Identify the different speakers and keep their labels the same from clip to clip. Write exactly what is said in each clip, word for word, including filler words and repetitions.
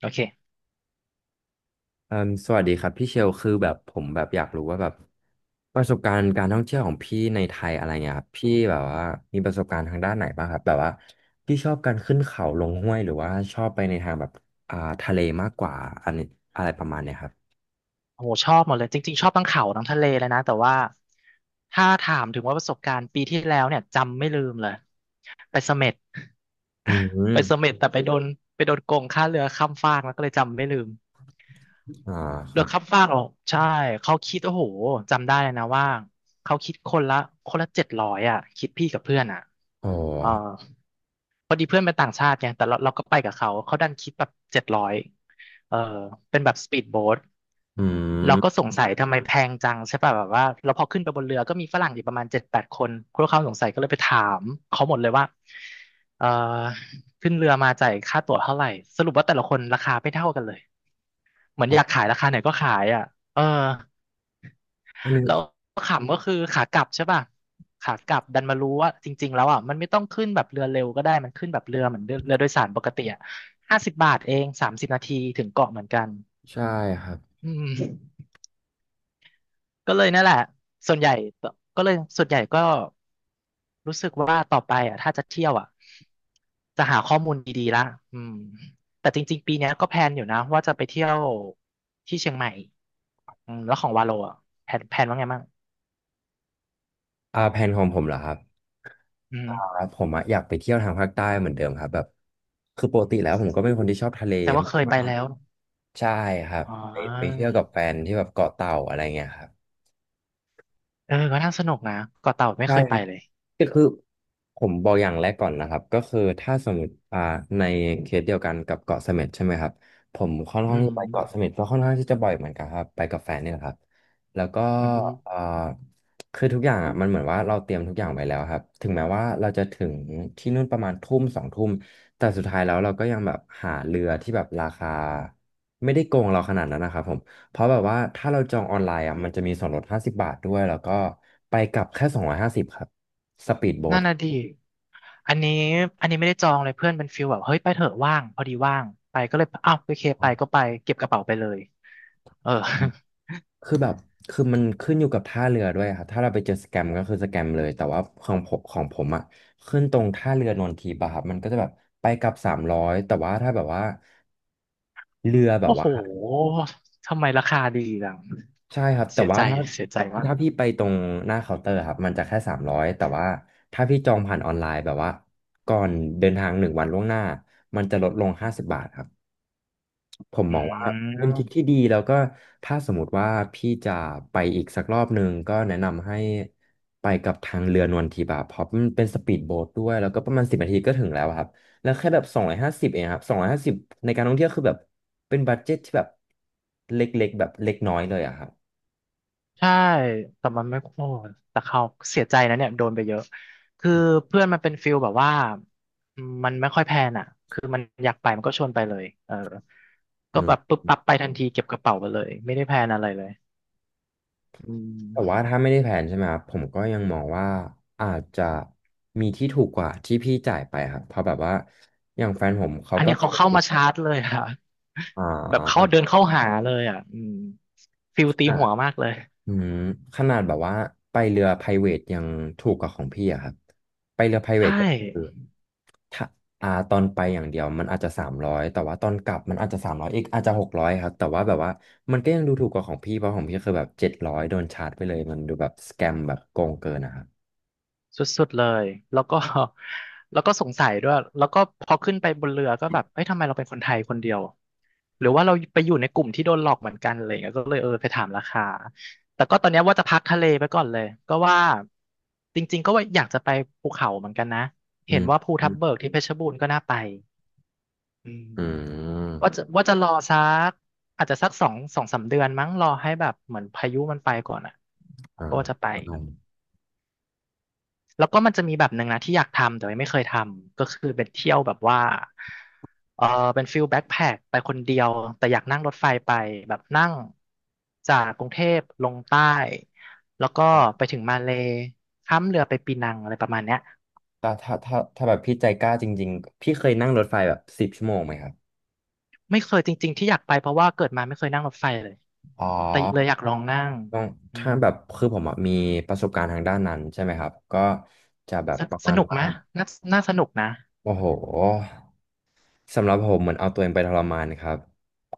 Speaker 1: โอเค
Speaker 2: เอ่มสวัสดีครับพี่เชลคือแบบผมแบบอยากรู้ว่าแบบประสบการณ์การท่องเที่ยวของพี่ในไทยอะไรเงี้ยครับพี่แบบว่ามีประสบการณ์ทางด้านไหนบ้างครับแบบว่าพี่ชอบการขึ้นเขาลงห้วยหรือว่าชอบไปในทางแบบอ่าทะเลมากกว่าอันนี้อะไรประมาณเนี้ยครับ
Speaker 1: โอ้โหชอบหมดเลยจริงๆชอบทั้งเขาทั้งทะเลเลยนะแต่ว่าถ้าถามถึงว่าประสบการณ์ปีที่แล้วเนี่ยจำไม่ลืมเลยไปเสม็ด
Speaker 2: อื
Speaker 1: ไป
Speaker 2: ม
Speaker 1: เสม็ดแต่ไปโดนไปโดนโกงค่าเรือข้ามฟากแล้วก็เลยจำไม่ลืม
Speaker 2: อ่าค
Speaker 1: เรื
Speaker 2: รั
Speaker 1: อก
Speaker 2: บ
Speaker 1: ข้ามฟากอหรอกใช่เขาคิดโอ้โหจำได้เลยนะว่าเขาคิดคนละคนละเจ็ดร้อยอ่ะคิดพี่กับเพื่อนอ่ะ
Speaker 2: อ๋อ
Speaker 1: เออพอดีเพื่อนเป็นต่างชาติไงแต่เราเราก็ไปกับเขาเขาดันคิดแบบเจ็ดร้อยเออเป็นแบบสปีดโบ๊ท
Speaker 2: อื
Speaker 1: เรา
Speaker 2: ม
Speaker 1: ก็สงสัยทำไมแพงจังใช่ป่ะแบบว่าเราพอขึ้นไปบนเรือก็มีฝรั่งอยู่ประมาณเจ็ดแปดคนพวกเขาสงสัยก็เลยไปถามเขาหมดเลยว่าเออขึ้นเรือมาจ่ายค่าตั๋วเท่าไหร่สรุปว่าแต่ละคนราคาไม่เท่ากันเลย เหมือน
Speaker 2: ครั
Speaker 1: อยาก
Speaker 2: บ
Speaker 1: ขายราคาไหนก็ขายอ่ะเออ
Speaker 2: อันนี้
Speaker 1: แล้วขำก็คือขากลับใช่ป่ะ ขากลับดันมารู้ว่าจริงๆแล้วอ่ะมันไม่ต้องขึ้นแบบเรือเร็วก็ได้มันขึ้นแบบเรือเหมือนเรือเรือโดยสารปกติอ่ะห้าสิบบาทเองสามสิบนาทีถึงเกาะเหมือนกัน
Speaker 2: ใช่ครับ
Speaker 1: อืม ก็เลยนั่นแหละส่วนใหญ่ก็เลยส่วนใหญ่ก็รู้สึกว่าต่อไปอ่ะถ้าจะเที่ยวอ่ะจะหาข้อมูลดีๆละอืมแต่จริงๆปีเนี้ยก็แพลนอยู่นะว่าจะไปเที่ยวที่เชียงใหม่อืมแล้วของวาโลอ่ะแพลนแพลนว่าไงบ้าง
Speaker 2: อ่าแผนของผมเหรอครับ
Speaker 1: อื
Speaker 2: อ่า
Speaker 1: ม
Speaker 2: ผมอะอยากไปเที่ยวทางภาคใต้เหมือนเดิมครับแบบคือปกติแล้วผมก็เป็นคนที่ชอบทะเล
Speaker 1: แสดงว่าเคยไปแล้ว
Speaker 2: ใช่ครับ
Speaker 1: อ๋อ
Speaker 2: ไปไปเที่ยวกับแฟนที่แบบเกาะเต่าอะไรเงี้ยครับ
Speaker 1: เออก็น่าสนุกนะเกาะเต่าไม่
Speaker 2: ใช่
Speaker 1: เคย
Speaker 2: ค
Speaker 1: ไป
Speaker 2: รับ
Speaker 1: เลย
Speaker 2: ก็คือผมบอกอย่างแรกก่อนนะครับก็คือถ้าสมมติอ่าในเคสเดียวกันกับเกาะเสม็ดใช่ไหมครับผมค่อน
Speaker 1: อื
Speaker 2: ข้าง
Speaker 1: ม
Speaker 2: ที่ไปเกาะเสม็ดก็ค่อนข้างที่จะบ่อยเหมือนกันครับไปกับแฟนเนี่ยแหละครับแล้วก็
Speaker 1: อื
Speaker 2: อ่า
Speaker 1: ม
Speaker 2: คือทุกอย่างอ่ะมันเหมือนว่าเราเตรียมทุกอย่างไว้แล้วครับถึงแม้ว่าเราจะถึงที่นู่นประมาณทุ่มสองทุ่มแต่สุดท้ายแล้วเราก็ยังแบบหาเรือที่แบบราคาไม่ได้โกงเราขนาดนั้นนะครับผม เพราะแบบว่าถ้าเราจองออนไลน์อ่ะมันจะมีส่วนลดห้าสิบบาทด้วยแล้วก็ไปกลับแค่สองร้อยห้าสิบครับสปีดโบ๊
Speaker 1: นั่
Speaker 2: ท
Speaker 1: นน่ะดิอันนี้อันนี้ไม่ได้จองเลยเพื่อนเป็นฟิลแบบเฮ้ยไปเถอะว่างพอดีว่างไปก็เลยอ้าวโอเคไปก็ไปเก็บกระเป๋าไปเลยเออ
Speaker 2: คือแบบคือมันขึ้นอยู่กับท่าเรือด้วยครับถ้าเราไปเจอสแกมก็คือสแกมเลยแต่ว่าของผมของผมอ่ะขึ้นตรงท่าเรือนนทีบะครับมันก็จะแบบไปกลับสามร้อยแต่ว่าถ้าแบบว่าเรือแบบ
Speaker 1: โอ้โห
Speaker 2: ว่า
Speaker 1: ทำไมราคาดีจัง
Speaker 2: ใช่ครับแต่
Speaker 1: เสีย
Speaker 2: ว่า
Speaker 1: ใจ
Speaker 2: ถ้า
Speaker 1: เสียใจมาก
Speaker 2: ถ้าพี่ไปตรงหน้าเคาน์เตอร์ครับมันจะแค่สามร้อยแต่ว่าถ้าพี่จองผ่านออนไลน์แบบว่าก่อนเดินทางหนึ่งวันล่วงหน้ามันจะลดลงห้าสิบบาทครับ ผม
Speaker 1: อื
Speaker 2: มองว่าเป็นทริค
Speaker 1: ม
Speaker 2: ที่ดีแล้วก็ถ้าสมมติว่าพี่จะไปอีกสักรอบหนึ่งก็แนะนำให้ไปกับทางเรือนวลทิพย์อะเพราะมันเป็นสปีดโบ๊ทด้วยแล้วก็ประมาณสิบนาทีก็ถึงแล้วอะครับแล้วแค่แบบสองร้อยห้าสิบเองครับสองร้อยห้าสิบในการท่องเที่ยวคือแบบเป็นบัดเจ็ตที่แบบเล็กๆแบบเล็กน้อยเลยอะครับ
Speaker 1: ใช่แต่มันไม่โอ้แต่เขาเสียใจนะเนี่ยโดนไปเยอะคือเพื่อนมันเป็นฟิลแบบว่ามันไม่ค่อยแพลนอ่ะคือมันอยากไปมันก็ชวนไปเลยเออ
Speaker 2: อื
Speaker 1: ก็แบบ
Speaker 2: ม
Speaker 1: ปุ๊บปั๊บไปทันทีเก็บกระเป๋าไปเลยไม่ได้แพลนอะไรเลยอื
Speaker 2: แต่ว่า
Speaker 1: ม
Speaker 2: ถ้าไม่ได้แผนใช่ไหมครับผมก็ยังมองว่าอาจจะมีที่ถูกกว่าที่พี่จ่ายไปครับเพราะแบบว่าอย่างแฟนผมเขา
Speaker 1: อัน
Speaker 2: ก็
Speaker 1: เนี้ย
Speaker 2: เค
Speaker 1: เขาเข้า
Speaker 2: ย
Speaker 1: มาชาร์จเลยค่ะ
Speaker 2: อ่
Speaker 1: แบบเขาเดิ
Speaker 2: า
Speaker 1: นเข้าหาเลยอ่ะอืมฟิลตีหัวมากเลย
Speaker 2: อืมขนาดแบบว่าไปเรือ private ยังถูกกว่าของพี่อะครับไปเรือ
Speaker 1: ใช่
Speaker 2: private ก็คือถ้าอ่าตอนไปอย่างเดียวมันอาจจะสามร้อยแต่ว่าตอนกลับมันอาจจะสามร้อยอีกอาจจะหกร้อยครับแต่ว่าแบบว่ามันก็ยังดูถูกกว่าของพี่เพราะของพี่คือแบบเจ็ดร้อยโดนชาร์จไปเลยมันดูแบบสแกมแบบโกงเกินนะครับ
Speaker 1: สุดๆเลยแล้วก็ แล้วก็สงสัยด้วยแล้วก็พอขึ้นไปบนเรือก็แบบเอ้ยทำไมเราเป็นคนไทยคนเดียวหรือว่าเราไปอยู่ในกลุ่มที่โดนหลอกเหมือนกันอะไรอย่างเงี้ยก็เลยเออไปถามราคาแต่ก็ตอนเนี้ยว่าจะพักทะเลไปก่อนเลยก็ว่าจริงๆก็ว่าอยากจะไปภูเขาเหมือนกันนะ
Speaker 2: อื
Speaker 1: เห็น
Speaker 2: ม
Speaker 1: ว่าภู
Speaker 2: อื
Speaker 1: ทับ
Speaker 2: ม
Speaker 1: เบิกที่เพชรบูรณ์ก็น่าไปอืม
Speaker 2: อื
Speaker 1: ว่าจะ
Speaker 2: ม
Speaker 1: ว่าจะรอสักอาจจะสักสองสองสามเดือนมั้งรอให้แบบเหมือนพายุมันไปก่อนอ่ะ
Speaker 2: อ่า
Speaker 1: ก็จะไป
Speaker 2: ประมาณ
Speaker 1: แล้วก็มันจะมีแบบหนึ่งนะที่อยากทำแต่ว่าไม่เคยทำก็คือเป็นเที่ยวแบบว่าเออเป็นฟิลแบ็คแพ็คไปคนเดียวแต่อยากนั่งรถไฟไปแบบนั่งจากกรุงเทพลงใต้แล้วก็ไปถึงมาเลย์ข้ามเรือไปปีนังอะไรประมาณเนี้ย
Speaker 2: แต่ถ้าถ้าถ้าแบบพี่ใจกล้าจริงๆพี่เคยนั่งรถไฟแบบสิบชั่วโมงไหมครับ
Speaker 1: ไม่เคยจริงๆที่อยากไปเพราะว่าเกิดมาไม่เคยนั่งรถไฟเลย
Speaker 2: อ๋อ
Speaker 1: แต่เลยอยากลองนั่ง
Speaker 2: ต้อง
Speaker 1: อื
Speaker 2: ถ้า
Speaker 1: ม
Speaker 2: แบบคือผมอะมีประสบการณ์ทางด้านนั้นใช่ไหมครับก็จะแบบ
Speaker 1: ส
Speaker 2: ประ
Speaker 1: ส
Speaker 2: มาณ
Speaker 1: นุกไห
Speaker 2: ว่า
Speaker 1: มน่าน่าสนุกนะ
Speaker 2: โอ้โห สำหรับผมเหมือนเอาตัวเองไปทรมานครับ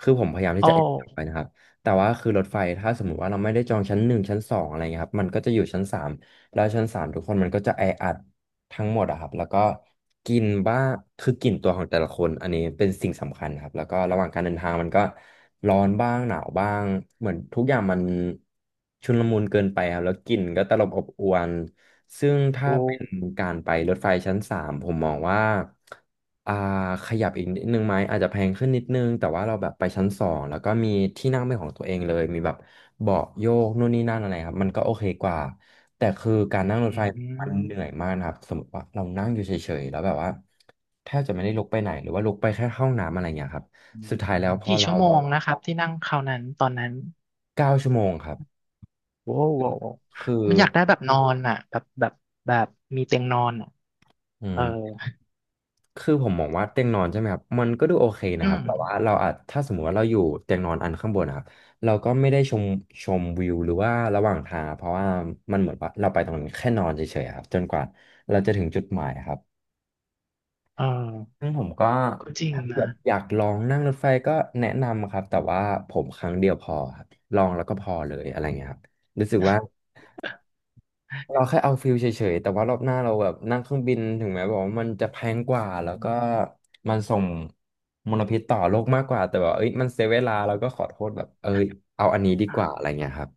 Speaker 2: คือผมพยายามที่
Speaker 1: โอ้
Speaker 2: จะเอ็นไปนะครับแต่ว่าคือรถไฟถ้าสมมุติว่าเราไม่ได้จองชั้นหนึ่งชั้นสองอะไรเงี้ยครับ มันก็จะอยู่ชั้นสามแล้วชั้นสามทุกคนมันก็จะแออัดทั้งหมดอะครับ แล้วก็กลิ่นบ้างคือกลิ่นตัวของแต่ละคนอันนี้เป็นสิ่งสำคัญครับ แล้วก็ระหว่างการเดินทางมันก็ร้อนบ้างหนาวบ้างเหมือนทุกอย่างมันชุลมุนเกินไปครับแล้วกลิ่นก็ตลบอบอวนซึ่ง
Speaker 1: โอ
Speaker 2: ถ้าเป็น
Speaker 1: ้
Speaker 2: การไปรถไฟชั้นสามผมมองว่า อ่าขยับอีกนิดนึงไหมอาจจะแพงขึ้นนิดนึงแต่ว่าเราแบบไปชั้นสองแล้วก็มีที่นั่งเป็นของตัวเองเลยมีแบบเบาะโยกนู่นนี่นั่นอะไรครับมันก็โอเคกว่าแต่คือการนั่งรถ
Speaker 1: อื
Speaker 2: ไฟมันเห
Speaker 1: ม
Speaker 2: นื่อยมากนะครับสมมติว่าเรานั่งอยู่เฉยๆแล้วแบบว่าแทบจะไม่ได้ลุกไปไหนหรือว่าลุกไปแค่เข้าห้องน้ำอะไรอย่างเงี้ยครับ
Speaker 1: อื
Speaker 2: สุ
Speaker 1: ม
Speaker 2: ดท้ายแล้วพอ
Speaker 1: กี่
Speaker 2: เรา
Speaker 1: ชั่วโม
Speaker 2: แบบ
Speaker 1: งนะครับที่นั่งคราวนั้นตอนนั้น
Speaker 2: เก้าชั่วโมงครับ
Speaker 1: โว้วโวว
Speaker 2: คือ
Speaker 1: มันอยากได้แบบนอนอ่ะแบบแบบแบบมีเตียงนอนอ่ะ
Speaker 2: อื
Speaker 1: เออ
Speaker 2: ม คือผมมองว่าเตียงนอนใช่ไหมครับมันก็ดูโอเค
Speaker 1: อื
Speaker 2: นะครั
Speaker 1: ม
Speaker 2: บแต่ว่าเราอาจถ้าสมมติว่าเราอยู่เตียงนอนอันข้างบนนะครับเราก็ไม่ได้ชมชมวิวหรือว่าระหว่างทางเพราะว่ามันเหมือนว่าเราไปตรงนั้นแค่นอนเฉยๆครับจนกว่าเราจะถึงจุดหมายครับ
Speaker 1: เออ
Speaker 2: ซึ่งผมก็
Speaker 1: ก็จริง
Speaker 2: ถ้าแบ
Speaker 1: นะ
Speaker 2: บอยากลองนั่งรถไฟก็แนะนำครับแต่ว่าผมครั้งเดียวพอครับลองแล้วก็พอเลยอะไรเงี้ยครับรู้สึกว่า เราแค่เอาฟิลเฉยๆ แต่ว่ารอบหน้าเราแบบนั่งเครื่องบินถึงแม้บอกว่ามันจะแพงกว่าแล้วก็มันส่งมลพิษต่อโลกมากกว่าแต่แบบเอ้ยมันเสียเวลาเราก็ขอโทษแบบเอ้ยเอาอันนี้ดีกว่าอะไรเงี้ยครับ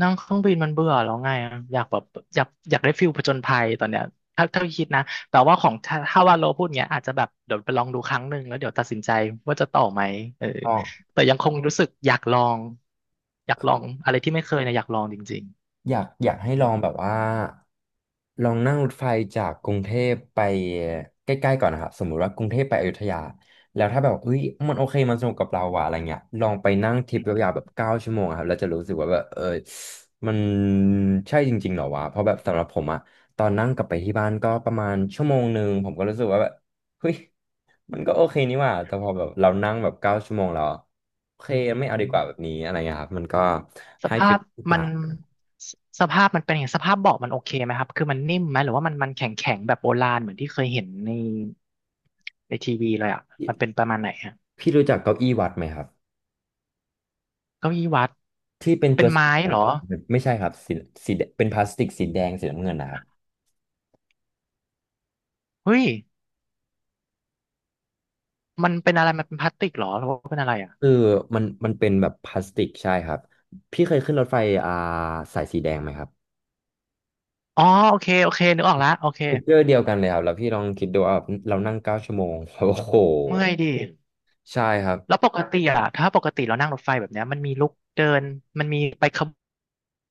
Speaker 1: นั่งเครื่องบินมันเบื่อแล้วไงอะอยากแบบอยากอยากได้ฟิลผจญภัยตอนเนี้ยถ้าถ้าคิดนะแต่ว่าของถ้าถ้าว่าโลพูดเงี้ยอาจจะแบบเดี๋ยวไปลองดูครั้งหนึ่งแล้วเดี๋ยวตัดสินใจว่าจะต่อไหมเออแต่ยังคงรู้สึกอยากลองอยากลองอะไรที่ไม่เคยนะอยากลองจริง
Speaker 2: อยากอยากให้
Speaker 1: ๆอื
Speaker 2: ลองแบบ
Speaker 1: ม
Speaker 2: ว่าลองนั่งรถไฟจากกรุงเทพไปใกล้ๆก่อนนะครับสมมุติว่ากรุงเทพไปอยุธยาแล้วถ้าแบบเฮ้ยมันโอเคมันสนุกกับเราว่ะอะไรเงี้ยลองไปนั่งทริป
Speaker 1: อื
Speaker 2: ยาวๆแบ
Speaker 1: ม
Speaker 2: บเก้าชั่วโมงอะครับแล้วจะรู้สึกว่าแบบเออมันใช่จริงๆเหรอวะเพราะแบบสำหรับผมอะตอนนั่งกลับไปที่บ้านก็ประมาณชั่วโมงหนึ่งผมก็รู้สึกว่าแบบเฮ้ยมันก็โอเคนี่หว่าแต่พอแบบเรานั่งแบบเก้าชั่วโมงแล้วโอเค
Speaker 1: อื
Speaker 2: ไม่เอาดีกว่าแบบ
Speaker 1: ม
Speaker 2: นี้อะไรเงี้ยครับมันก็
Speaker 1: ส
Speaker 2: ให้ฟี
Speaker 1: ภา
Speaker 2: ล
Speaker 1: พมั
Speaker 2: ต่า
Speaker 1: น
Speaker 2: ง
Speaker 1: สสภาพมันเป็นยังไงสภาพเบาะมันโอเคไหมครับคือมันนิ่มไหมหรือว่ามันมันแข็งแข็งแบบโบราณเหมือนที่เคยเห็นในในทีวีเลยอ่ะมันเป็นประมาณไหนฮะ
Speaker 2: พี่รู้จักเก้าอี้วัดไหมครับ
Speaker 1: เก้าอี้วัด
Speaker 2: ที่เป็น
Speaker 1: เป็
Speaker 2: ตั
Speaker 1: น
Speaker 2: ว
Speaker 1: ไม้
Speaker 2: สีแด
Speaker 1: เหรอ
Speaker 2: งไม่ใช่ครับสีสีแดงเป็นพลาสติกสีแดงสีน้ำเงินนะครับ
Speaker 1: เฮ้ยมันเป็นอะไรมันเป็นพลาสติกเหรอหรือว่าเป็นอะไรอ่ะ
Speaker 2: คือมันมันเป็นแบบพลาสติกใช่ครับพี่เคยขึ้นรถไฟอ่าสายสีแดงไหมครับ
Speaker 1: อ๋อโอเคโอเคนึกออกละโอเค
Speaker 2: ฟีเจอร์เดียวกันเลยครับแล้วพี่ลองคิดดูว่าเรานั่งเก้าชั่วโมง โอ้โห
Speaker 1: เมื่อยดิ
Speaker 2: ใช่ครับ
Speaker 1: แล้วปกติอ่ะถ้าปกติเรานั่งรถไฟแบบเนี้ยมันมีลุกเดินมันมีไปขบว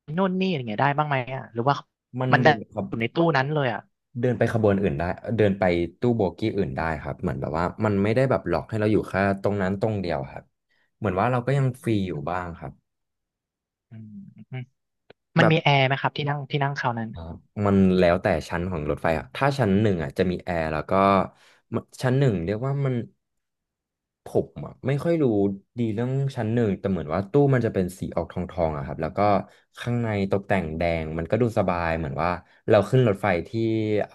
Speaker 1: นนู่นนี่อะไรเงี้ยได้บ้างไหมอ่ะหรือว่า
Speaker 2: มัน
Speaker 1: มันได้
Speaker 2: เดินครับ
Speaker 1: อยู่ในตู้นั้นเลยอ่ะ
Speaker 2: เดินไปขบวนอื่นได้เดินไปตู้โบกี้อื่นได้ครับเหมือนแบบว่ามันไม่ได้แบบหลอกให้เราอยู่แค่ตรงนั้นตรงเดียวครับเหมือนว่าเราก็ยังฟรีอยู่บ้างครับ
Speaker 1: อืมอืมมั
Speaker 2: แบ
Speaker 1: น
Speaker 2: บ
Speaker 1: มีแอร์ไหมครับที่นั่งที่นั่งคราวนั้น
Speaker 2: อ่ามันแล้วแต่ชั้นของรถไฟอ่ะถ้าชั้นหนึ่งอ่ะจะมีแอร์แล้วก็มันชั้นหนึ่งเรียกว่ามันผมอ่ะไม่ค่อยรู้ดีเรื่องชั้นหนึ่งแต่เหมือนว่าตู้มันจะเป็นสีออกทองทองอะครับแล้วก็ข้างในตกแต่งแดงมันก็ดูสบายเหมือนว่าเราขึ้นรถไฟที่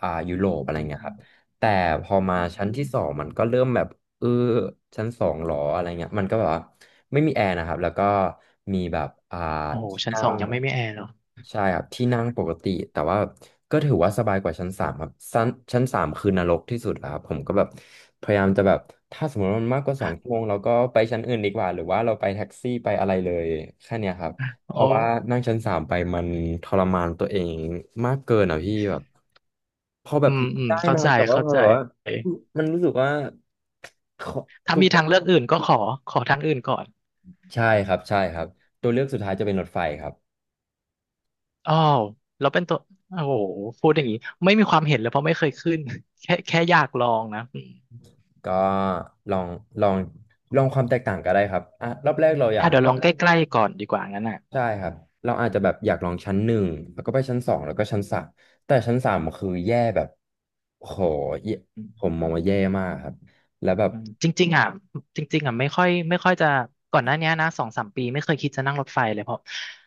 Speaker 2: อ่ายุโรปอะไร
Speaker 1: อื
Speaker 2: เงี้ยครับ
Speaker 1: ม
Speaker 2: แต่พอมา
Speaker 1: อื
Speaker 2: ชั้น
Speaker 1: ม
Speaker 2: ที่สองมันก็เริ่มแบบเออชั้นสองหรออะไรเงี้ยมันก็แบบว่าไม่มีแอร์นะครับแล้วก็มีแบบอ่า
Speaker 1: โอ้โห
Speaker 2: ที่
Speaker 1: ชั้น
Speaker 2: นั่
Speaker 1: สอ
Speaker 2: ง
Speaker 1: งยังไม่มีแอร์เหรอ
Speaker 2: ใช่ครับที่นั่งปกติแต่ว่าก็ถือว่าสบายกว่าชั้นสามครับชั้นชั้นสามคือนรกที่สุดแล้วครับผมก็แบบพยายามจะแบบถ้าสมมติว่ามันมากกว่าสองชั่วโมงเราก็ไปชั้นอื่นดีกว่าหรือว่าเราไปแท็กซี่ไปอะไรเลยแค่เนี้ยครับ
Speaker 1: โอ
Speaker 2: เพราะว่า
Speaker 1: ้
Speaker 2: นั่งชั้นสามไปมันทรมานตัวเองมากเกินอ่ะพี่แบบพอแบ
Speaker 1: อื
Speaker 2: บ
Speaker 1: มอืม
Speaker 2: ได้
Speaker 1: เข้า
Speaker 2: นะ
Speaker 1: ใจ
Speaker 2: แต่ว่า
Speaker 1: เข้า
Speaker 2: พอ
Speaker 1: ใจ
Speaker 2: แบบว่ามันรู้สึกว่าขอ
Speaker 1: ถ้า
Speaker 2: ทุก
Speaker 1: มีทางเลือกอื่นก็ขอขอทางอื่นก่อน
Speaker 2: ใช่ครับใช่ครับตัวเลือกสุดท้ายจะเป็นรถไฟครับ
Speaker 1: อ้าวแล้วเป็นตัว โอ้โหพูดอย่างนี้ ไม่มีความเห็นเลยเพราะไม่เคยขึ้น แค่แค่อยากลองนะอม
Speaker 2: ก็ลองลองลองความแตกต่างก็ได้ครับอ่ะรอบแรกเราอยา
Speaker 1: อ่ะ
Speaker 2: ก
Speaker 1: เดี๋ยวลองใกล้ๆก่อนดีกว่างั้นอ่ะ
Speaker 2: ใช่ครับเราอาจจะแบบอยากลองชั้นหนึ่งแล้วก็ไปชั้นสองแล้วก็ชั้นสามแต่ชั้นสามคือแย่แบบโหแย่ผมมองว่าแย่มากครับแล้วแบบ
Speaker 1: อืมจริงๆอ่ะจริงๆอ่ะไม่ค่อยไม่ค่อยจะก่อนหน้าเนี้ยนะสองสามปีไม่เคยคิดจะนั่งรถไฟเลยเพราะ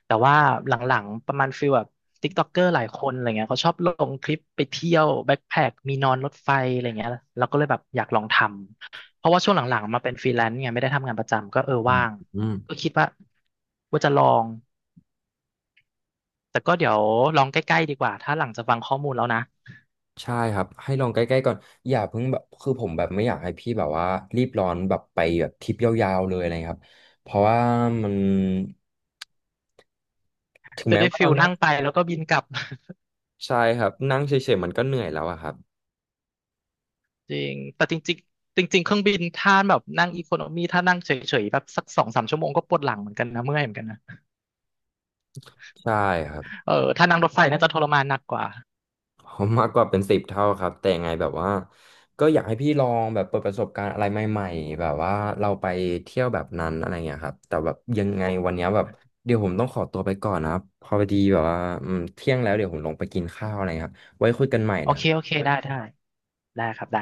Speaker 1: แต่ว่าหลังๆประมาณฟิลแบบติ๊กต็อกเกอร์หลายคนอะไรเงี้ยเขาชอบลงคลิปไปเที่ยวแบ็คแพ็คมีนอนรถไฟอะไรเงี้ยเราก็เลยแบบอยากลองทำเพราะว่าช่วงหลังๆมาเป็นฟรีแลนซ์ไงไม่ได้ทำงานประจำก็เออ
Speaker 2: อืม
Speaker 1: ว่าง
Speaker 2: อืม
Speaker 1: ก็คิดว่าว่าจะลองแต่ก็เดี๋ยวลองใกล้ๆดีกว่าถ้าหลังจากฟังข้อมูลแล้วนะ
Speaker 2: ใช่ครับให้ลองใกล้ๆก่อนอย่าเพิ่งแบบคือผมแบบไม่อยากให้พี่แบบว่ารีบร้อนแบบไปแบบทริปยาวๆเลยอะไรครับเพราะว่ามันถึง
Speaker 1: จะ
Speaker 2: แม้
Speaker 1: ได้
Speaker 2: ว่า
Speaker 1: ฟิ
Speaker 2: เรา
Speaker 1: ล
Speaker 2: นะ
Speaker 1: นั่งไปแล้วก็บินกลับ
Speaker 2: ใช่ครับนั่งเฉยๆมันก็เหนื่อยแล้วอะครับ
Speaker 1: จริง แต่จริงๆจริงๆเครื่องบินถ้าแบบนั่งอีโคโนมีถ้านั่งเฉยๆแบบสักสองสามชั่วโมงก็ปวดหลังเหมือนกันนะเมื่อยเหมือนกันนะ
Speaker 2: ใช่ครับ
Speaker 1: เออถ้านั่งรถไฟน่าจะทรมานหนักกว่า
Speaker 2: ผมมากกว่าเป็นสิบเท่าครับแต่ยังไงแบบว่าก็อยากให้พี่ลองแบบเปิดประสบการณ์อะไรใหม่ๆแบบว่าเราไปเที่ยวแบบนั้นอะไรเงี้ยครับแต่แบบยังไงวันเนี้ยแบบเดี๋ยวผมต้องขอตัวไปก่อนนะครับพอดีแบบว่าอืมเที่ยงแล้วเดี๋ยวผมลงไปกินข้าวอะไรครับไว้คุยกันใหม่
Speaker 1: โอ
Speaker 2: นะค
Speaker 1: เค
Speaker 2: รั
Speaker 1: โอ
Speaker 2: บ
Speaker 1: เคได้ได้ได้ครับได้